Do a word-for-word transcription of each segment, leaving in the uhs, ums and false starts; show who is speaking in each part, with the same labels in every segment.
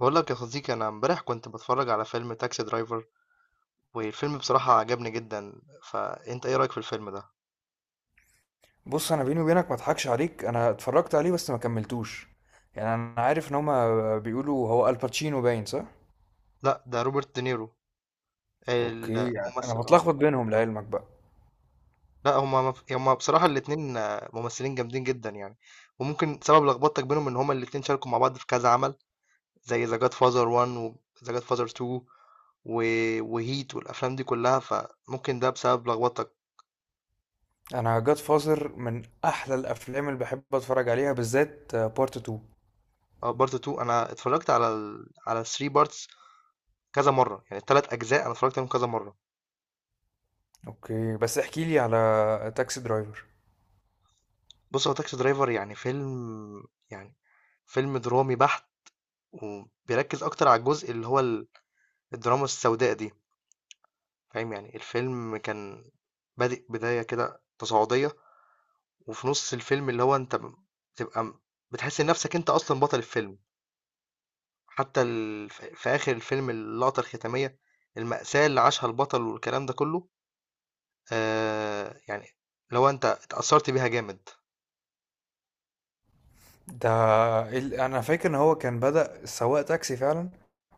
Speaker 1: بقول لك يا صديقي، انا امبارح كنت بتفرج على فيلم تاكسي درايفر، والفيلم بصراحة عجبني جدا. فانت ايه رأيك في الفيلم ده؟
Speaker 2: بص، انا بيني وبينك ما اضحكش عليك، انا اتفرجت عليه بس ما كملتوش. يعني انا عارف ان هما بيقولوا هو الباتشينو، باين صح.
Speaker 1: لا، ده روبرت دينيرو، ال-
Speaker 2: اوكي، انا
Speaker 1: الممثل. اه،
Speaker 2: بتلخبط بينهم لعلمك بقى.
Speaker 1: لا، هما مف- هما بصراحة الاتنين آه، ممثلين جامدين جدا يعني. وممكن سبب لخبطتك بينهم ان هما الاتنين شاركوا مع بعض في كذا عمل، زي ذا جاد فازر واحد وذا جاد فازر اتنين و- وهيت، والافلام دي كلها، فممكن ده بسبب لخبطتك.
Speaker 2: انا جاد فازر من احلى الافلام اللي بحب اتفرج عليها، بالذات بارت اتنين.
Speaker 1: اه، بارت اتنين انا اتفرجت على ال... على ثلاثة بارتس كذا مرة، يعني الثلاث اجزاء انا اتفرجت عليهم كذا مرة.
Speaker 2: اوكي، بس احكي لي على تاكسي درايفر.
Speaker 1: بُص، هو تاكسي درايفر يعني فيلم، يعني فيلم درامي بحت، وبيركّز أكتر على الجزء اللي هو ال الدراما السوداء دي، فاهم؟ يعني الفيلم كان بادئ بداية كده تصاعدية، وفي نُص الفيلم اللي هو أنت ب بتبقى م بتحس إن نَفْسك أنت أصلًا بطل الفيلم. حتى ال ف في آخر الفيلم، اللقطة الختامية، المأساة اللي عاشها البطل والكلام ده كُلّه، آآ يعني اللي هو أنت اتأثّرت بيها جامد.
Speaker 2: ده ال- انا فاكر ان هو كان بدأ سواق تاكسي فعلا،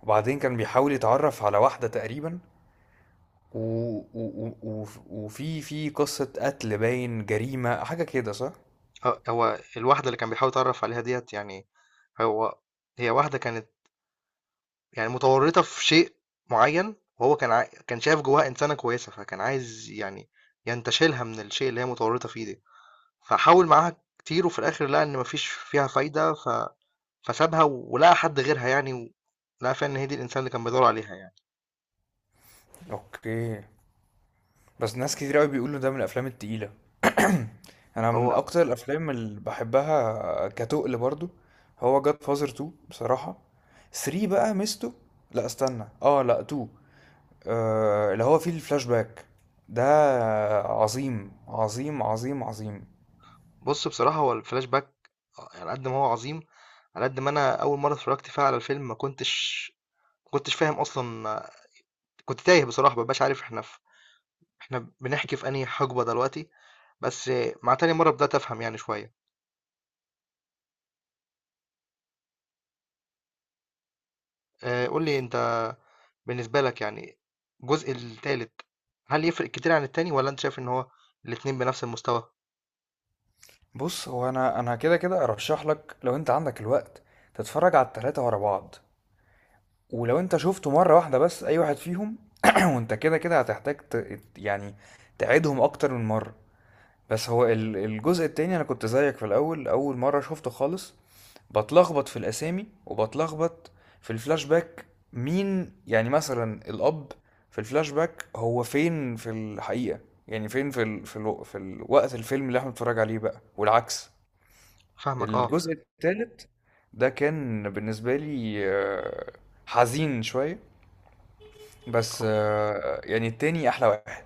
Speaker 2: وبعدين كان بيحاول يتعرف على واحدة تقريبا و... و... و... وف- وفي في قصة قتل، باين جريمة حاجة كده صح.
Speaker 1: آه، هو الواحدة اللي كان بيحاول يتعرف عليها ديت، يعني هو هي واحدة كانت يعني متورطة في شيء معين، وهو كان عا... كان شايف جواها إنسانة كويسة، فكان عايز يعني ينتشلها من الشيء اللي هي متورطة فيه ده. فحاول معاها كتير، وفي الآخر لقى إن مفيش فيها فايدة ف... فسابها ولقى حد غيرها يعني، و- لقى فعلا إن هي دي الإنسان اللي كان بيدور عليها يعني.
Speaker 2: اوكي، بس ناس كتير قوي بيقولوا ده من الافلام التقيلة. انا من
Speaker 1: هو،
Speaker 2: اكتر الافلام اللي بحبها كتقل برضو. هو جاد فازر اتنين بصراحة. ثلاثة بقى مستو، لا استنى اه لا اتنين. آه، اللي هو فيه الفلاش باك ده، عظيم عظيم عظيم عظيم.
Speaker 1: بص بصراحة هو الفلاش باك، على قد ما هو عظيم، على قد ما أنا أول مرة اتفرجت فيها على الفيلم ما كنتش ما كنتش فاهم أصلا. كنت تايه بصراحة، مبقاش عارف احنا في احنا بنحكي في انهي حقبة دلوقتي. بس مع تاني مرة بدأت افهم يعني شوية. آه، قول لي انت، بالنسبة لك يعني الجزء التالت، هل يفرق كتير عن التاني، ولا انت شايف ان هو الاتنين بنفس المستوى؟
Speaker 2: بص، هو انا انا كده كده ارشح لك، لو انت عندك الوقت تتفرج على التلاتة ورا بعض. ولو انت شفته مرة واحدة بس اي واحد فيهم، وانت كده كده هتحتاج ت... يعني تعيدهم اكتر من مرة. بس هو ال- الجزء التاني، انا كنت زيك في الاول اول مرة شفته خالص، بتلخبط في الاسامي وبتلخبط في الفلاش باك. مين يعني مثلا الاب في الفلاش باك هو فين في الحقيقة؟ يعني فين في ال... في, الو... في الوقت الفيلم اللي احنا بنتفرج عليه بقى، والعكس.
Speaker 1: فاهمك، اه.
Speaker 2: الجزء التالت ده كان بالنسبة لي آه، حزين شوية، بس آه، يعني التاني احلى واحد.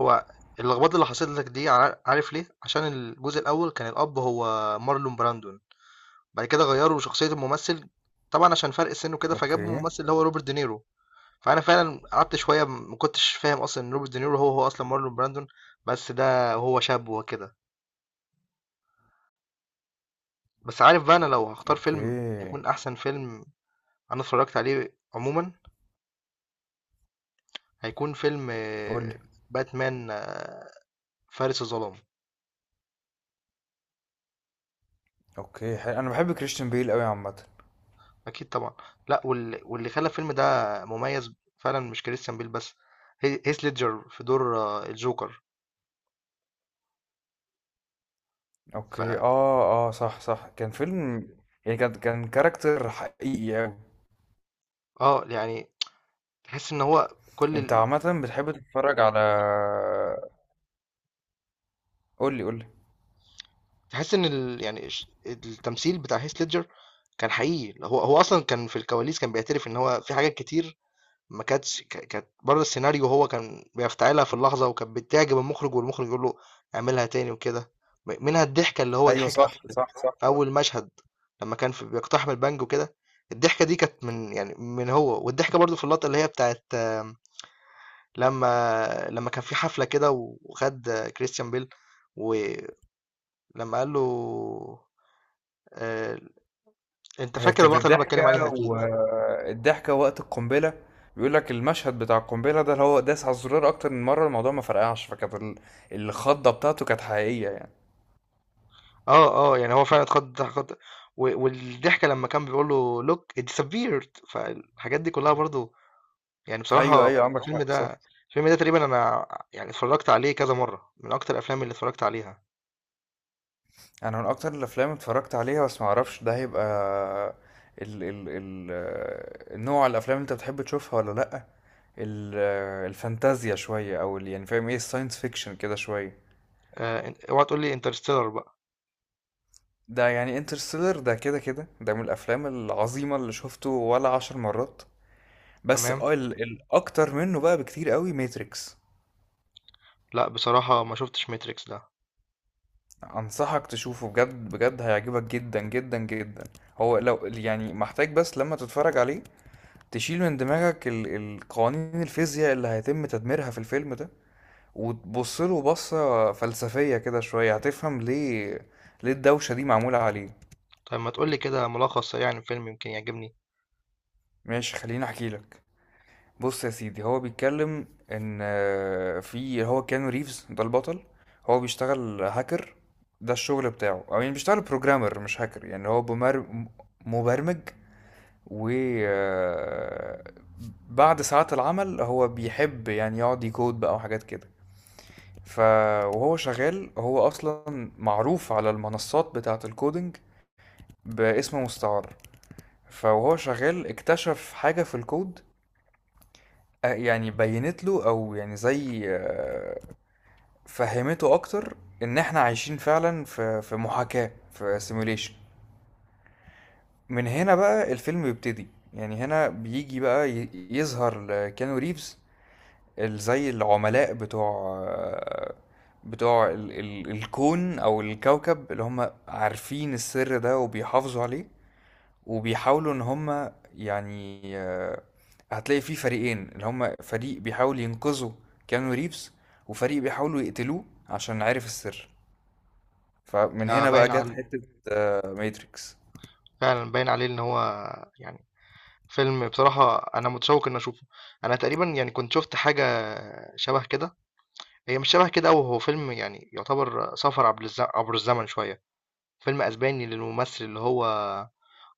Speaker 1: هو اللخبطة اللي حصلت لك دي عار- عارف ليه؟ عشان الجزء الاول كان الاب هو مارلون براندون. بعد كده غيروا شخصية الممثل، طبعا عشان فرق السن وكده، فجابوا
Speaker 2: اوكي،
Speaker 1: الممثل اللي هو روبرت دينيرو. فانا فعلا قعدت شويه ما كنتش فاهم اصلا ان روبرت دينيرو هو هو اصلا مارلون براندون، بس ده هو شاب وكده. بس عارف بقى، انا لو هختار فيلم
Speaker 2: اوكي،
Speaker 1: هيكون احسن فيلم انا اتفرجت عليه عموما، هيكون فيلم
Speaker 2: قول
Speaker 1: آه،
Speaker 2: لي.
Speaker 1: باتمان، آه، فارس الظلام.
Speaker 2: اوكي، حلو. انا بحب كريستيان بيل قوي عامه.
Speaker 1: اكيد طبعا. لا، واللي, واللي خلى الفيلم ده مميز فعلا مش كريستيان بيل بس، هي- هيث ليدجر في دور آه، الجوكر. ف
Speaker 2: اوكي، اه، اه، صح، صح، كان فيلم. يعني كان كان كاركتر حقيقي قوي.
Speaker 1: اه، يعني تحس ان هو
Speaker 2: انت
Speaker 1: كل،
Speaker 2: عامه بتحب تتفرج على، قول لي، قول لي.
Speaker 1: تحس إن ال يعني ش التمثيل بتاع heath ledger كان حقيقي. هو هو أصلًا كان في الكواليس كان بيعترف إن هو في حاجات كتير ما كانتش ك كانت برّه السيناريو، هو كان بيفتعلها في اللحظة، وكانت بتعجب المخرج، والمخرج يقول له اعملها تاني وكده. م منها الضحكة اللي هو
Speaker 2: ايوه،
Speaker 1: ضحكها
Speaker 2: صح،
Speaker 1: في
Speaker 2: صح، صح.
Speaker 1: في أول مشهد، لمّا كان في بيقتحم البنك وكده، الضحكة دي كانت من يعني من هو. والضحكة برضه في اللقطة اللي هي بتاعة آمم، لمّا لمّا كان في حفلة كده، وخد آه، كريستيان بيل، و لما قال له، آه، انت
Speaker 2: هي
Speaker 1: فاكر
Speaker 2: كانت
Speaker 1: اللقطه اللي انا
Speaker 2: الضحكه،
Speaker 1: بتكلم عليها اكيد.
Speaker 2: والضحكه وقت القنبله. بيقول لك المشهد بتاع القنبله ده اللي هو داس على الزرار اكتر من مره الموضوع ما فرقعش، فكانت ال- الخضه بتاعته كانت حقيقيه يعني.
Speaker 1: اه اه، يعني هو فعلا اتخض اتخض، و- والضحكه لما كان بيقول له لوك ات disappeared. فالحاجات دي كلها برضو يعني،
Speaker 2: ايوه،
Speaker 1: بصراحه
Speaker 2: ايوه، عندك
Speaker 1: الفيلم
Speaker 2: حق، صح.
Speaker 1: ده، الفيلم ده تقريبا انا يعني اتفرجت عليه كذا مره، من اكتر الافلام اللي اتفرجت عليها.
Speaker 2: انا من اكتر الافلام اللي اتفرجت عليها، بس ما اعرفش ده هيبقى ال ال ال النوع الافلام اللي انت بتحب تشوفها ولا لا. ال الفانتازيا شويه، او ال- يعني فاهم ايه الساينس فيكشن كده شويه.
Speaker 1: آه، إن- اوعى تقول لي انترستيلر بقى.
Speaker 2: ده يعني انترستيلر ده كده كده ده من الافلام العظيمه اللي شفته ولا عشر مرات. بس
Speaker 1: تمام.
Speaker 2: اه ال الاكتر منه بقى بكتير قوي ماتريكس.
Speaker 1: لا بصراحه ما شفتش ماتريكس ده.
Speaker 2: انصحك تشوفه، بجد بجد هيعجبك جدا جدا جدا. هو لو يعني محتاج، بس لما تتفرج عليه تشيل من دماغك ال- القوانين الفيزياء اللي هيتم تدميرها في الفيلم ده، وتبص له بصة فلسفية كده شوية هتفهم ليه ليه الدوشة دي معمولة عليه.
Speaker 1: طيب ما تقول لي كده ملخص سريع عن الفيلم، يمكن يعجبني.
Speaker 2: ماشي، خليني احكي لك. بص يا سيدي، هو بيتكلم ان آه، في هو كيانو ريفز ده البطل، هو بيشتغل هاكر. ده الشغل بتاعه، او يعني بيشتغل بروجرامر مش هاكر، يعني هو بمر... م- مبرمج. و آه، بعد ساعات العمل هو بيحب يعني يقعد يكود بقى وحاجات كده. ف وهو شغال هو اصلا معروف على المنصات بتاعة الكودينج باسم مستعار. فوهو شغال اكتشف حاجة في الكود، آه، يعني بينت له او يعني زي، آه، فهمته اكتر، ان احنا عايشين فعلا في في محاكاة، في سيموليشن. من هنا بقى الفيلم بيبتدي، يعني هنا بيجي بقى ي- يظهر كيانو ريفز ال- زي العملاء بتوع بتوع ال ال الكون او الكوكب اللي هم عارفين السر ده وبيحافظوا عليه، وبيحاولوا ان هم يعني، آه، هتلاقي فيه فريقين، اللي هم فريق بيحاول ينقذوا كيانو ريفز، وفريق بيحاولوا يقتلوه عشان عارف السر. فمن
Speaker 1: ده
Speaker 2: هنا بقى
Speaker 1: باين
Speaker 2: جت
Speaker 1: على،
Speaker 2: حتة ماتريكس.
Speaker 1: فعلا باين عليه ان هو يعني فيلم، بصراحة أنا متشوق إن أشوفه. أنا تقريبا يعني كنت شفت حاجة شبه كده، هي مش شبه كده أوي، هو فيلم يعني يعتبر سفر عبر الز- عبر الزمن شوية، فيلم أسباني للممثل اللي هو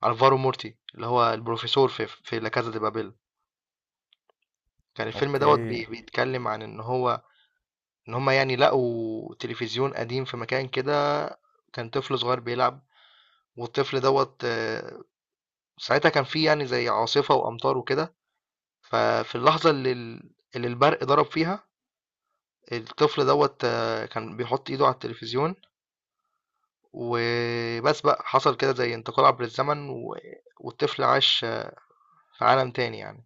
Speaker 1: ألفارو مورتي، اللي هو البروفيسور في في لا كازا دي بابيل. كان الفيلم دوت
Speaker 2: اوكي،
Speaker 1: بي- بيتكلم عن إن هو، إن هما يعني لقوا تلفزيون قديم في مكان كده، كان طفل صغير بيلعب، والطفل دوت آه، ساعتها كان فيه يعني زي عاصفة وأمطار وكده. ففي اللحظة اللي ال- اللي البرق ضرب فيها، الطفل دوت آه، كان بيحط ايده على التلفزيون، وبس بقى حصل كده زي انتقال عبر الزمن و... والطفل عاش آه، في عالم تاني يعني.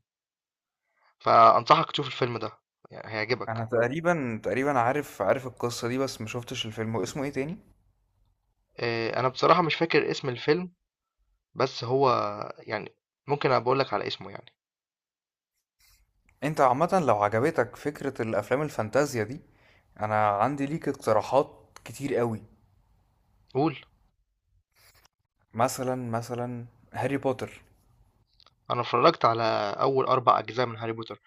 Speaker 1: فأنصحك تشوف الفيلم ده، يعني هيعجبك.
Speaker 2: انا تقريبا تقريبا عارف عارف القصة دي، بس ما شفتش الفيلم، واسمه ايه تاني؟
Speaker 1: آه، انا بصراحة مش فاكر اسم الفيلم، بس هو يعني ممكن أبقى اقولك على اسمه يعني.
Speaker 2: انت عامة، لو عجبتك فكرة الافلام الفانتازيا دي، انا عندي ليك اقتراحات كتير قوي.
Speaker 1: قول.
Speaker 2: مثلا مثلا هاري بوتر.
Speaker 1: انا اتفرجت على اول اربع اجزاء من هاري بوتر.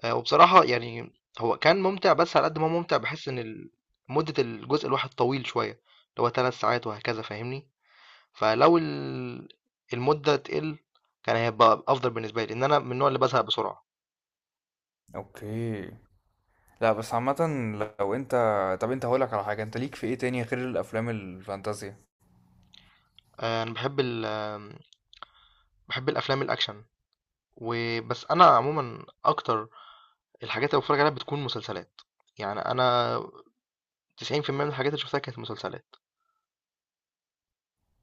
Speaker 1: آه، وبصراحة يعني هو كان ممتع، بس على قد ما هو ممتع بحس ان ال- مدة الجزء الواحد طويل شوية، اللي هو ثلاث ساعات وهكذا، فاهمني؟ فلو ال المدة تقِل كان هيبقى أفضل بالنسبة لي، لإن أنا من النوع اللي بازهق بسرعة.
Speaker 2: اوكي، لا، بس عامة، لو انت طب انت هقولك على حاجة، انت ليك في ايه تاني غير الافلام الفانتازيا؟
Speaker 1: آآ أنا باحب ال آمم، باحب الأفلام الأكشن، و بس أنا عمومًا أكتر الحاجات اللي باتفرّج عليها بتكون مسلسلات. يعني أنا تسعين في المية من الحاجات اللي شُفتها كانت مسلسلات.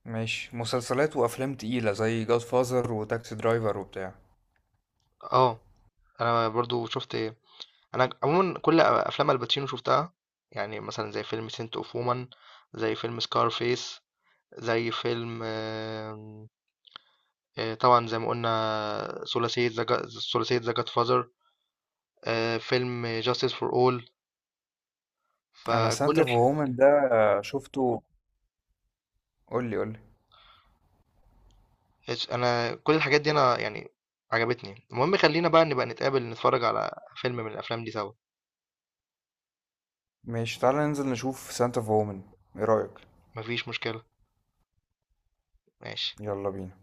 Speaker 2: ماشي، مسلسلات وافلام تقيلة زي جاد فازر وتاكسي درايفر وبتاع.
Speaker 1: آه، أنا برضه شُفت إيه، أنا عمومًا كل أ أفلام الباتشينو شُفتها، يعني مثلًا زي فيلم Scent of Woman، زي فيلم Scarface، زي فيلم، آه، طبعا زي ما قلنا ثلاثية ذا جا- ثلاثية ذا جاد فازر، آه، فيلم جاستس فور اول.
Speaker 2: انا
Speaker 1: فكل
Speaker 2: سانتا اوف
Speaker 1: الح...
Speaker 2: وومن ده شفته. قولي، قولي.
Speaker 1: انا كل الحاجات دي انا يعني عجبتني. المهم خلينا بقى نبقى نتقابل نتفرج على فيلم من الافلام دي سوا.
Speaker 2: ماشي، تعالى ننزل نشوف سانتا اوف وومن، ايه رأيك؟
Speaker 1: مفيش مشكلة. ماشي.
Speaker 2: يلا بينا.